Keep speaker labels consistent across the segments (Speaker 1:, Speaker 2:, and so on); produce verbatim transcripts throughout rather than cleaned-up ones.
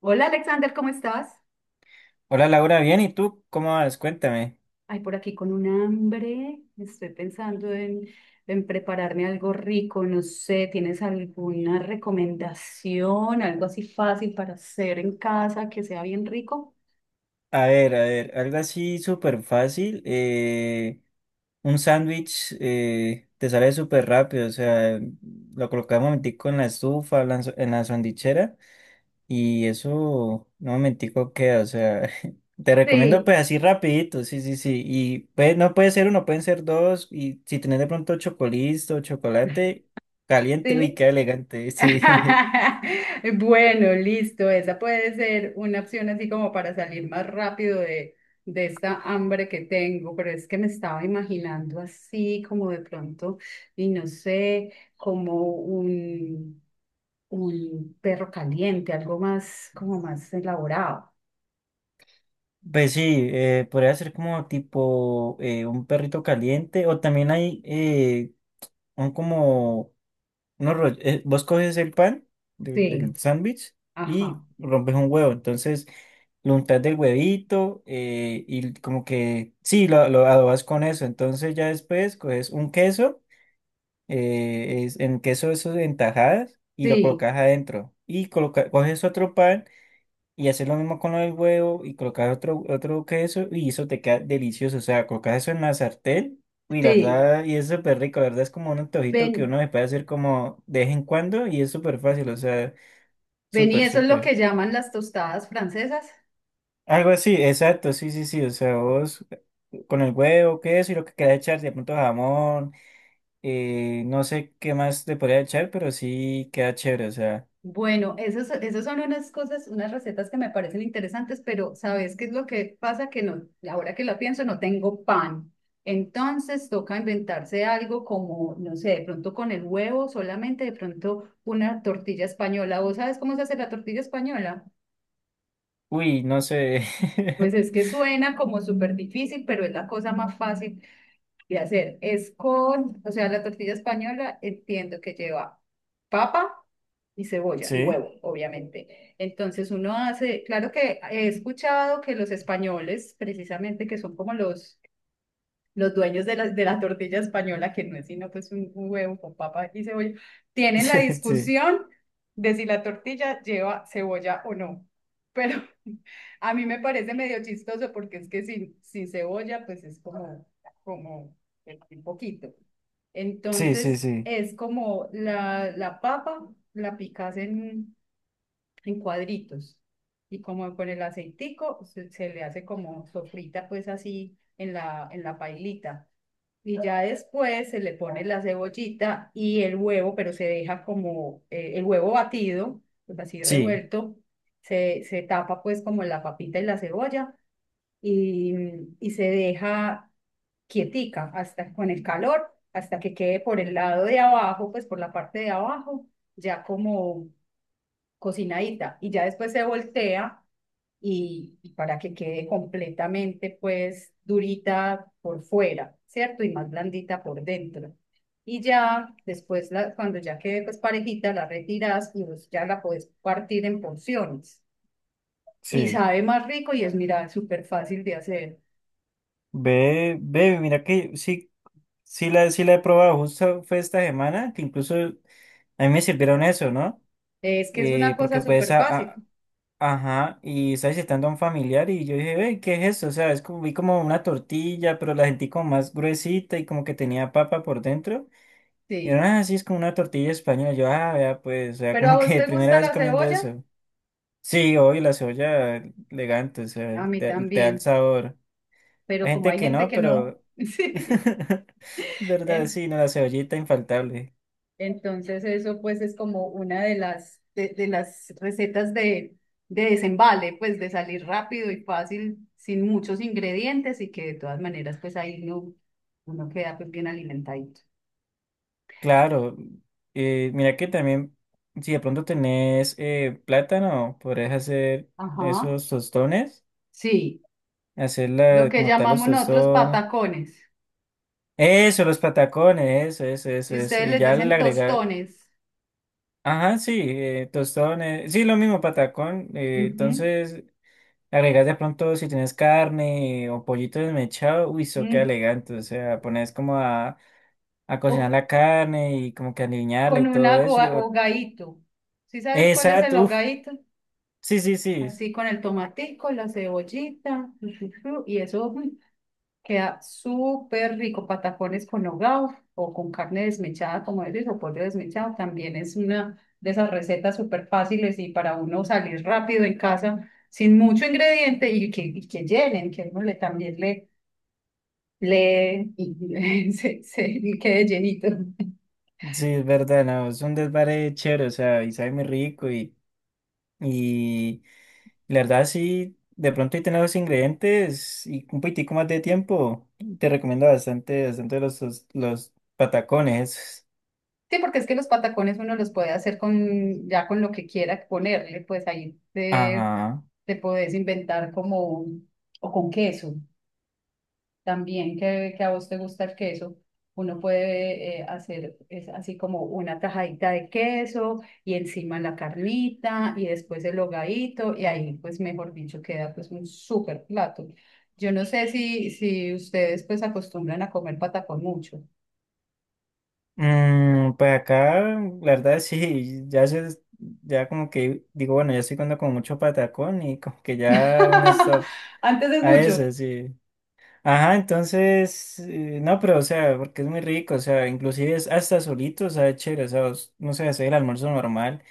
Speaker 1: Hola Alexander, ¿cómo estás?
Speaker 2: Hola Laura, bien, ¿y tú cómo vas? Cuéntame.
Speaker 1: Ay, por aquí con un hambre. Estoy pensando en, en prepararme algo rico. No sé, ¿tienes alguna recomendación? Algo así fácil para hacer en casa que sea bien rico.
Speaker 2: A ver, a ver, algo así súper fácil. eh, un sándwich eh, te sale súper rápido, o sea, lo colocas un momentico en la estufa, en la s- en la sandwichera y eso un momentico queda, o sea, te recomiendo pues
Speaker 1: Sí,
Speaker 2: así rapidito, sí, sí, sí. Y pues no puede ser uno, pueden ser dos y si tenés de pronto chocolito, chocolate caliente, uy,
Speaker 1: sí.
Speaker 2: qué elegante, sí.
Speaker 1: Bueno, listo. Esa puede ser una opción así como para salir más rápido de, de esta hambre que tengo, pero es que me estaba imaginando así como de pronto, y no sé, como un, un perro caliente, algo más, como más elaborado.
Speaker 2: Pues sí, eh, podría ser como tipo eh, un perrito caliente o también hay eh, un como unos roll- eh, vos coges el pan de-
Speaker 1: Sí,
Speaker 2: del sándwich y
Speaker 1: ajá.
Speaker 2: rompes un huevo, entonces lo untas del huevito eh, y como que sí, lo, lo adobas con eso, entonces ya después coges un queso, eh, es, en queso eso en tajadas y lo
Speaker 1: Sí,
Speaker 2: colocas adentro y coloca, coges otro pan y hacer lo mismo con el huevo y colocar otro, otro queso y eso te queda delicioso. O sea, colocas eso en la sartén y la
Speaker 1: sí.
Speaker 2: verdad, y es súper rico. La verdad es como un antojito que
Speaker 1: Ven,
Speaker 2: uno se puede hacer como de vez en cuando y es súper fácil. O sea,
Speaker 1: ven, y
Speaker 2: súper,
Speaker 1: eso es lo
Speaker 2: súper.
Speaker 1: que llaman las tostadas francesas.
Speaker 2: Algo así, exacto, sí, sí, sí. O sea, vos eh, con el huevo, queso y lo que queda echar, de pronto jamón, eh, no sé qué más te podría echar, pero sí queda chévere. O sea,
Speaker 1: Bueno, esas, esas son unas cosas, unas recetas que me parecen interesantes, pero ¿sabes qué es lo que pasa? Que no, ahora que lo pienso, no tengo pan. Entonces toca inventarse algo como, no sé, de pronto con el huevo, solamente de pronto una tortilla española. ¿Vos sabes cómo se hace la tortilla española?
Speaker 2: uy, no sé.
Speaker 1: Pues es que suena como súper difícil, pero es la cosa más fácil de hacer es con, o sea, la tortilla española entiendo que lleva papa y cebolla y
Speaker 2: Sí,
Speaker 1: huevo, obviamente. Entonces uno hace, claro que he escuchado que los españoles, precisamente que son como los los dueños de la, de la tortilla española, que no es sino pues un, un huevo con papa y cebolla, tienen la
Speaker 2: sí, sí,
Speaker 1: discusión de si la tortilla lleva cebolla o no. Pero a mí me parece medio chistoso porque es que sin, sin cebolla pues es como, como un poquito.
Speaker 2: sí,
Speaker 1: Entonces
Speaker 2: sí,
Speaker 1: es como la, la papa la picas en, en cuadritos y como con el aceitico se, se le hace como sofrita pues así en la, en la pailita. Y ya después se le pone la cebollita y el huevo, pero se deja como eh, el huevo batido, pues así
Speaker 2: sí,
Speaker 1: revuelto, se, se tapa pues como la papita y la cebolla y, mm, y se deja quietica hasta con el calor, hasta que quede por el lado de abajo, pues por la parte de abajo, ya como cocinadita. Y ya después se voltea y, y para que quede completamente pues durita por fuera, ¿cierto? Y más blandita por dentro. Y ya después, la, cuando ya quede pues parejita, la retiras y pues, ya la puedes partir en porciones. Y
Speaker 2: sí.
Speaker 1: sabe más rico y es, mira, súper fácil de hacer.
Speaker 2: Ve, ve, mira que sí, sí la, sí la he probado, justo fue esta semana, que incluso a mí me sirvieron eso, ¿no?
Speaker 1: Es que es
Speaker 2: Eh,
Speaker 1: una cosa
Speaker 2: porque pues,
Speaker 1: súper
Speaker 2: a- a-
Speaker 1: fácil,
Speaker 2: ajá, y estaba visitando a un familiar y yo dije, ve, ¿qué es eso? O sea, es como, vi como una tortilla, pero la sentí como más gruesita y como que tenía papa por dentro. Y
Speaker 1: sí.
Speaker 2: era así, es como una tortilla española. Yo, ah, vea, pues, o sea,
Speaker 1: ¿Pero a
Speaker 2: como
Speaker 1: vos
Speaker 2: que
Speaker 1: te
Speaker 2: primera
Speaker 1: gusta
Speaker 2: vez
Speaker 1: la
Speaker 2: comiendo
Speaker 1: cebolla?
Speaker 2: eso. Sí, hoy la cebolla elegante, o sea,
Speaker 1: A mí
Speaker 2: te, te da el
Speaker 1: también,
Speaker 2: sabor.
Speaker 1: pero
Speaker 2: Hay
Speaker 1: como
Speaker 2: gente
Speaker 1: hay
Speaker 2: que
Speaker 1: gente
Speaker 2: no,
Speaker 1: que no,
Speaker 2: pero...
Speaker 1: sí.
Speaker 2: ¿Verdad?
Speaker 1: En-
Speaker 2: Sí, no, la cebollita infaltable.
Speaker 1: Entonces eso pues es como una de las, de, de las recetas de, de desembale, pues de salir rápido y fácil, sin muchos ingredientes y que de todas maneras pues ahí no, uno queda pues bien alimentadito.
Speaker 2: Claro. Eh, mira que también, si de pronto tenés eh, plátano, podrías hacer
Speaker 1: Ajá,
Speaker 2: esos tostones,
Speaker 1: sí,
Speaker 2: hacer
Speaker 1: lo
Speaker 2: la
Speaker 1: que
Speaker 2: como tal los
Speaker 1: llamamos nosotros
Speaker 2: tostones.
Speaker 1: patacones.
Speaker 2: Eso, los patacones, eso, eso, eso,
Speaker 1: Y
Speaker 2: eso.
Speaker 1: ustedes
Speaker 2: Y
Speaker 1: les
Speaker 2: ya le
Speaker 1: dicen
Speaker 2: agregar,
Speaker 1: tostones.
Speaker 2: ajá, sí, eh, tostones, sí, lo mismo, patacón. eh,
Speaker 1: Ujú.
Speaker 2: entonces, agregas de pronto si tienes carne o pollito desmechado, uy, eso queda
Speaker 1: Mm.
Speaker 2: elegante. O sea, pones como a a cocinar
Speaker 1: O
Speaker 2: la carne y como que alinearla
Speaker 1: con
Speaker 2: y
Speaker 1: un
Speaker 2: todo eso. Y
Speaker 1: agua-
Speaker 2: yo-
Speaker 1: hogadito. ¿Sí sabes cuál es el
Speaker 2: exacto, uf,
Speaker 1: hogadito?
Speaker 2: sí, sí, sí,
Speaker 1: Así con el tomatico, la cebollita, chu, chu, chu, y eso, mm, queda súper rico, patacones con nogao o con carne desmechada, como eres, o pollo desmechado. También es una de esas recetas súper fáciles y para uno salir rápido en casa sin mucho ingrediente y que, y que llenen, que uno le también le, le y, se, se- y quede llenito.
Speaker 2: sí, es verdad, no, es un desvare chévere, o sea, y sabe muy rico y, y la verdad sí, de pronto y tener los ingredientes y un poquitico más de tiempo, te recomiendo bastante, bastante los, los, los patacones. Esos.
Speaker 1: Sí, porque es que los patacones uno los puede hacer con ya con lo que quiera ponerle, pues ahí te,
Speaker 2: Ajá.
Speaker 1: te puedes inventar como o con queso. También que, que a vos te gusta el queso, uno puede eh, hacer es así como una tajadita de queso y encima la carnita y después el hogadito y ahí pues mejor dicho queda pues un súper plato. Yo no sé si, si ustedes pues acostumbran a comer patacón mucho.
Speaker 2: Mm, pues acá, la verdad sí, ya se, ya como que digo, bueno, ya estoy comiendo como mucho patacón y como que ya una stop
Speaker 1: Antes es
Speaker 2: a
Speaker 1: mucho,
Speaker 2: eso, sí. Ajá, entonces, eh, no, pero o sea, porque es muy rico, o sea, inclusive es hasta solito, o sea, es chévere, o sea, os- no sé, hacer el almuerzo normal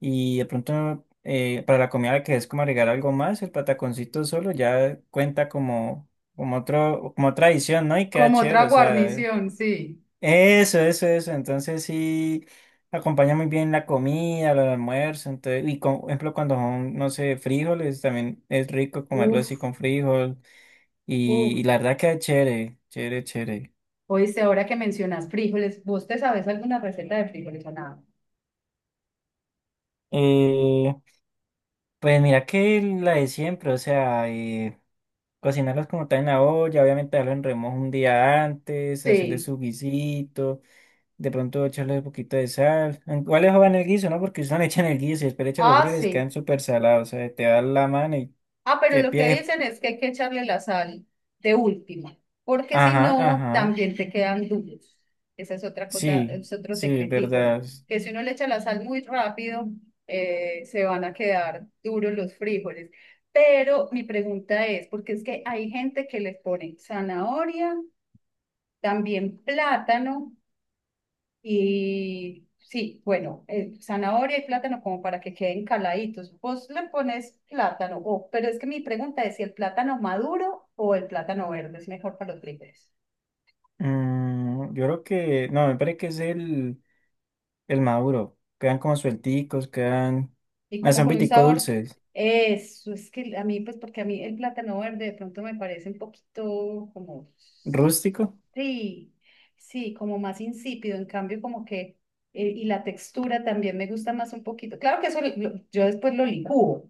Speaker 2: y de pronto eh, para la comida que es como agregar algo más, el pataconcito solo ya cuenta como, como otro, como otra adición, ¿no? Y queda
Speaker 1: como
Speaker 2: chévere,
Speaker 1: otra
Speaker 2: o sea,
Speaker 1: guarnición, sí.
Speaker 2: eso, eso, eso, entonces sí acompaña muy bien la comida, el almuerzo, entonces, y con- por ejemplo, cuando son, no sé, frijoles, también es rico comerlo así
Speaker 1: Uf,
Speaker 2: con frijol. Y,
Speaker 1: uf.
Speaker 2: y la verdad que chévere, chévere, chévere.
Speaker 1: Oíste, ahora que mencionas frijoles, ¿vos te sabes alguna receta de frijoles o nada?
Speaker 2: Eh, pues mira que la de siempre, o sea, eh, cocinarlos como tal en la olla, obviamente darlo en remojo un día antes, hacerle
Speaker 1: Sí.
Speaker 2: su guisito, de pronto echarle un poquito de sal. Igual les jodan el guiso, ¿no? Porque usan echan el guiso y después le echan los
Speaker 1: Ah,
Speaker 2: frijoles,
Speaker 1: sí.
Speaker 2: quedan súper salados, o sea, te da la mano y
Speaker 1: Ah, pero
Speaker 2: que
Speaker 1: lo que
Speaker 2: pie.
Speaker 1: dicen es que hay que echarle la sal de última, porque si
Speaker 2: Ajá,
Speaker 1: no,
Speaker 2: ajá.
Speaker 1: también te quedan duros. Esa es otra cosa,
Speaker 2: Sí,
Speaker 1: es otro
Speaker 2: sí,
Speaker 1: secretico,
Speaker 2: verdad.
Speaker 1: que si uno le echa la sal muy rápido, eh, se van a quedar duros los frijoles. Pero mi pregunta es, porque es que hay gente que les pone zanahoria, también plátano y sí, bueno, eh, zanahoria y plátano como para que queden caladitos. Vos le pones plátano, o- pero es que mi pregunta es si el plátano maduro o el plátano verde es mejor para los frijoles.
Speaker 2: Mm, yo creo que, no, me parece que es el. el maduro. Quedan como suelticos, quedan.
Speaker 1: Y
Speaker 2: No,
Speaker 1: como
Speaker 2: son
Speaker 1: con un
Speaker 2: pitico
Speaker 1: sabor,
Speaker 2: dulces.
Speaker 1: eso, es que a mí, pues porque a mí el plátano verde de pronto me parece un poquito como,
Speaker 2: Rústico.
Speaker 1: sí, sí, como más insípido, en cambio como que, eh, y la textura también me gusta más un poquito. Claro que eso lo- lo- yo después lo licúo.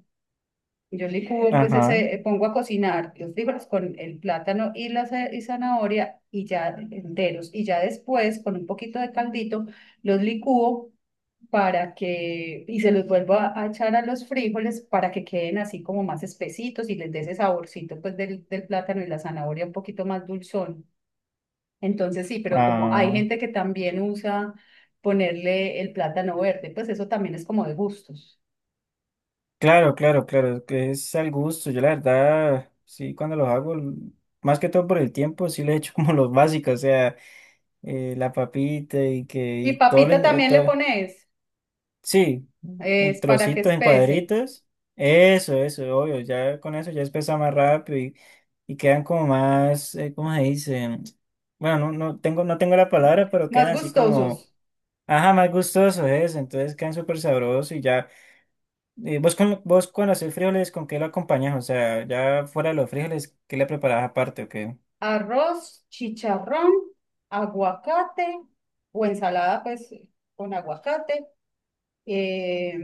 Speaker 1: Yo licúo, pues
Speaker 2: Ajá.
Speaker 1: ese, eh, pongo a cocinar los frijoles con el plátano y la za- y zanahoria y ya enteros. Y ya después, con un poquito de caldito, los licúo para que, y se los vuelvo a, a echar a los frijoles para que queden así como más espesitos y les dé ese saborcito pues del, del plátano y la zanahoria un poquito más dulzón. Entonces sí, pero como hay
Speaker 2: Ah,
Speaker 1: gente que también usa ponerle el plátano verde, pues eso también es como de gustos.
Speaker 2: claro, claro, claro. Que es al gusto. Yo la verdad, sí, cuando los hago, l- más que todo por el tiempo, sí le echo como los básicos. O sea, eh, la papita y que
Speaker 1: Y
Speaker 2: y todo, lo,
Speaker 1: papita también le pones.
Speaker 2: sí, en
Speaker 1: Es para que
Speaker 2: trocitos, en
Speaker 1: espese.
Speaker 2: cuadritos. Eso, eso, obvio. Ya con eso ya espesa más rápido y, y quedan como más, eh, ¿cómo se dice? Bueno, no, no tengo, no tengo la palabra, pero
Speaker 1: Más
Speaker 2: quedan así como,
Speaker 1: gustosos.
Speaker 2: ajá, más gustosos eso. Entonces quedan súper sabrosos y ya. Eh, vos, con, vos cuando haces frijoles, ¿con qué lo acompañas? O sea, ya fuera de los frijoles, ¿qué le preparás aparte o qué?
Speaker 1: Arroz, chicharrón, aguacate o ensalada pues con aguacate. Eh,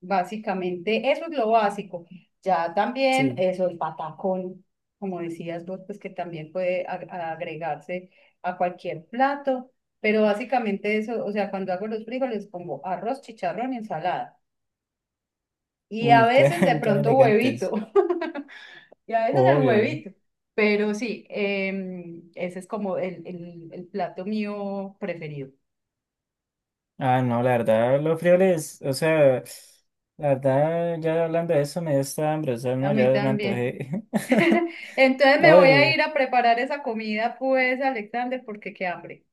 Speaker 1: básicamente eso es lo básico. Ya también
Speaker 2: Sí.
Speaker 1: eso, el patacón, como decías vos, pues que también puede ag- agregarse a cualquier plato. Pero básicamente eso, o sea, cuando hago los frijoles pongo arroz, chicharrón y ensalada. Y
Speaker 2: Uy,
Speaker 1: a veces de
Speaker 2: quedan, quedan
Speaker 1: pronto huevito.
Speaker 2: elegantes.
Speaker 1: Y a veces el
Speaker 2: Obvio.
Speaker 1: huevito. Pero sí, em, ese es como el, el, el plato mío preferido.
Speaker 2: Ah, no, la verdad, los frijoles, o sea, la verdad, ya hablando de eso me dio esta hambre, o sea,
Speaker 1: A
Speaker 2: no,
Speaker 1: mí
Speaker 2: ya me
Speaker 1: también.
Speaker 2: antojé.
Speaker 1: Entonces me voy a
Speaker 2: Oye,
Speaker 1: ir a preparar esa comida, pues, Alexander, porque qué hambre.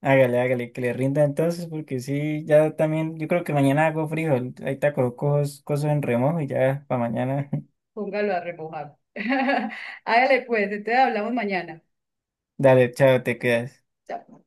Speaker 2: hágale, hágale, que le rinda entonces, porque sí, ya también, yo creo que mañana hago frijol, ahí te coloco cosas en remojo y ya, para mañana.
Speaker 1: Póngalo a remojar. Hágale pues, entonces hablamos mañana.
Speaker 2: Dale, chao, te quedas.
Speaker 1: Chao.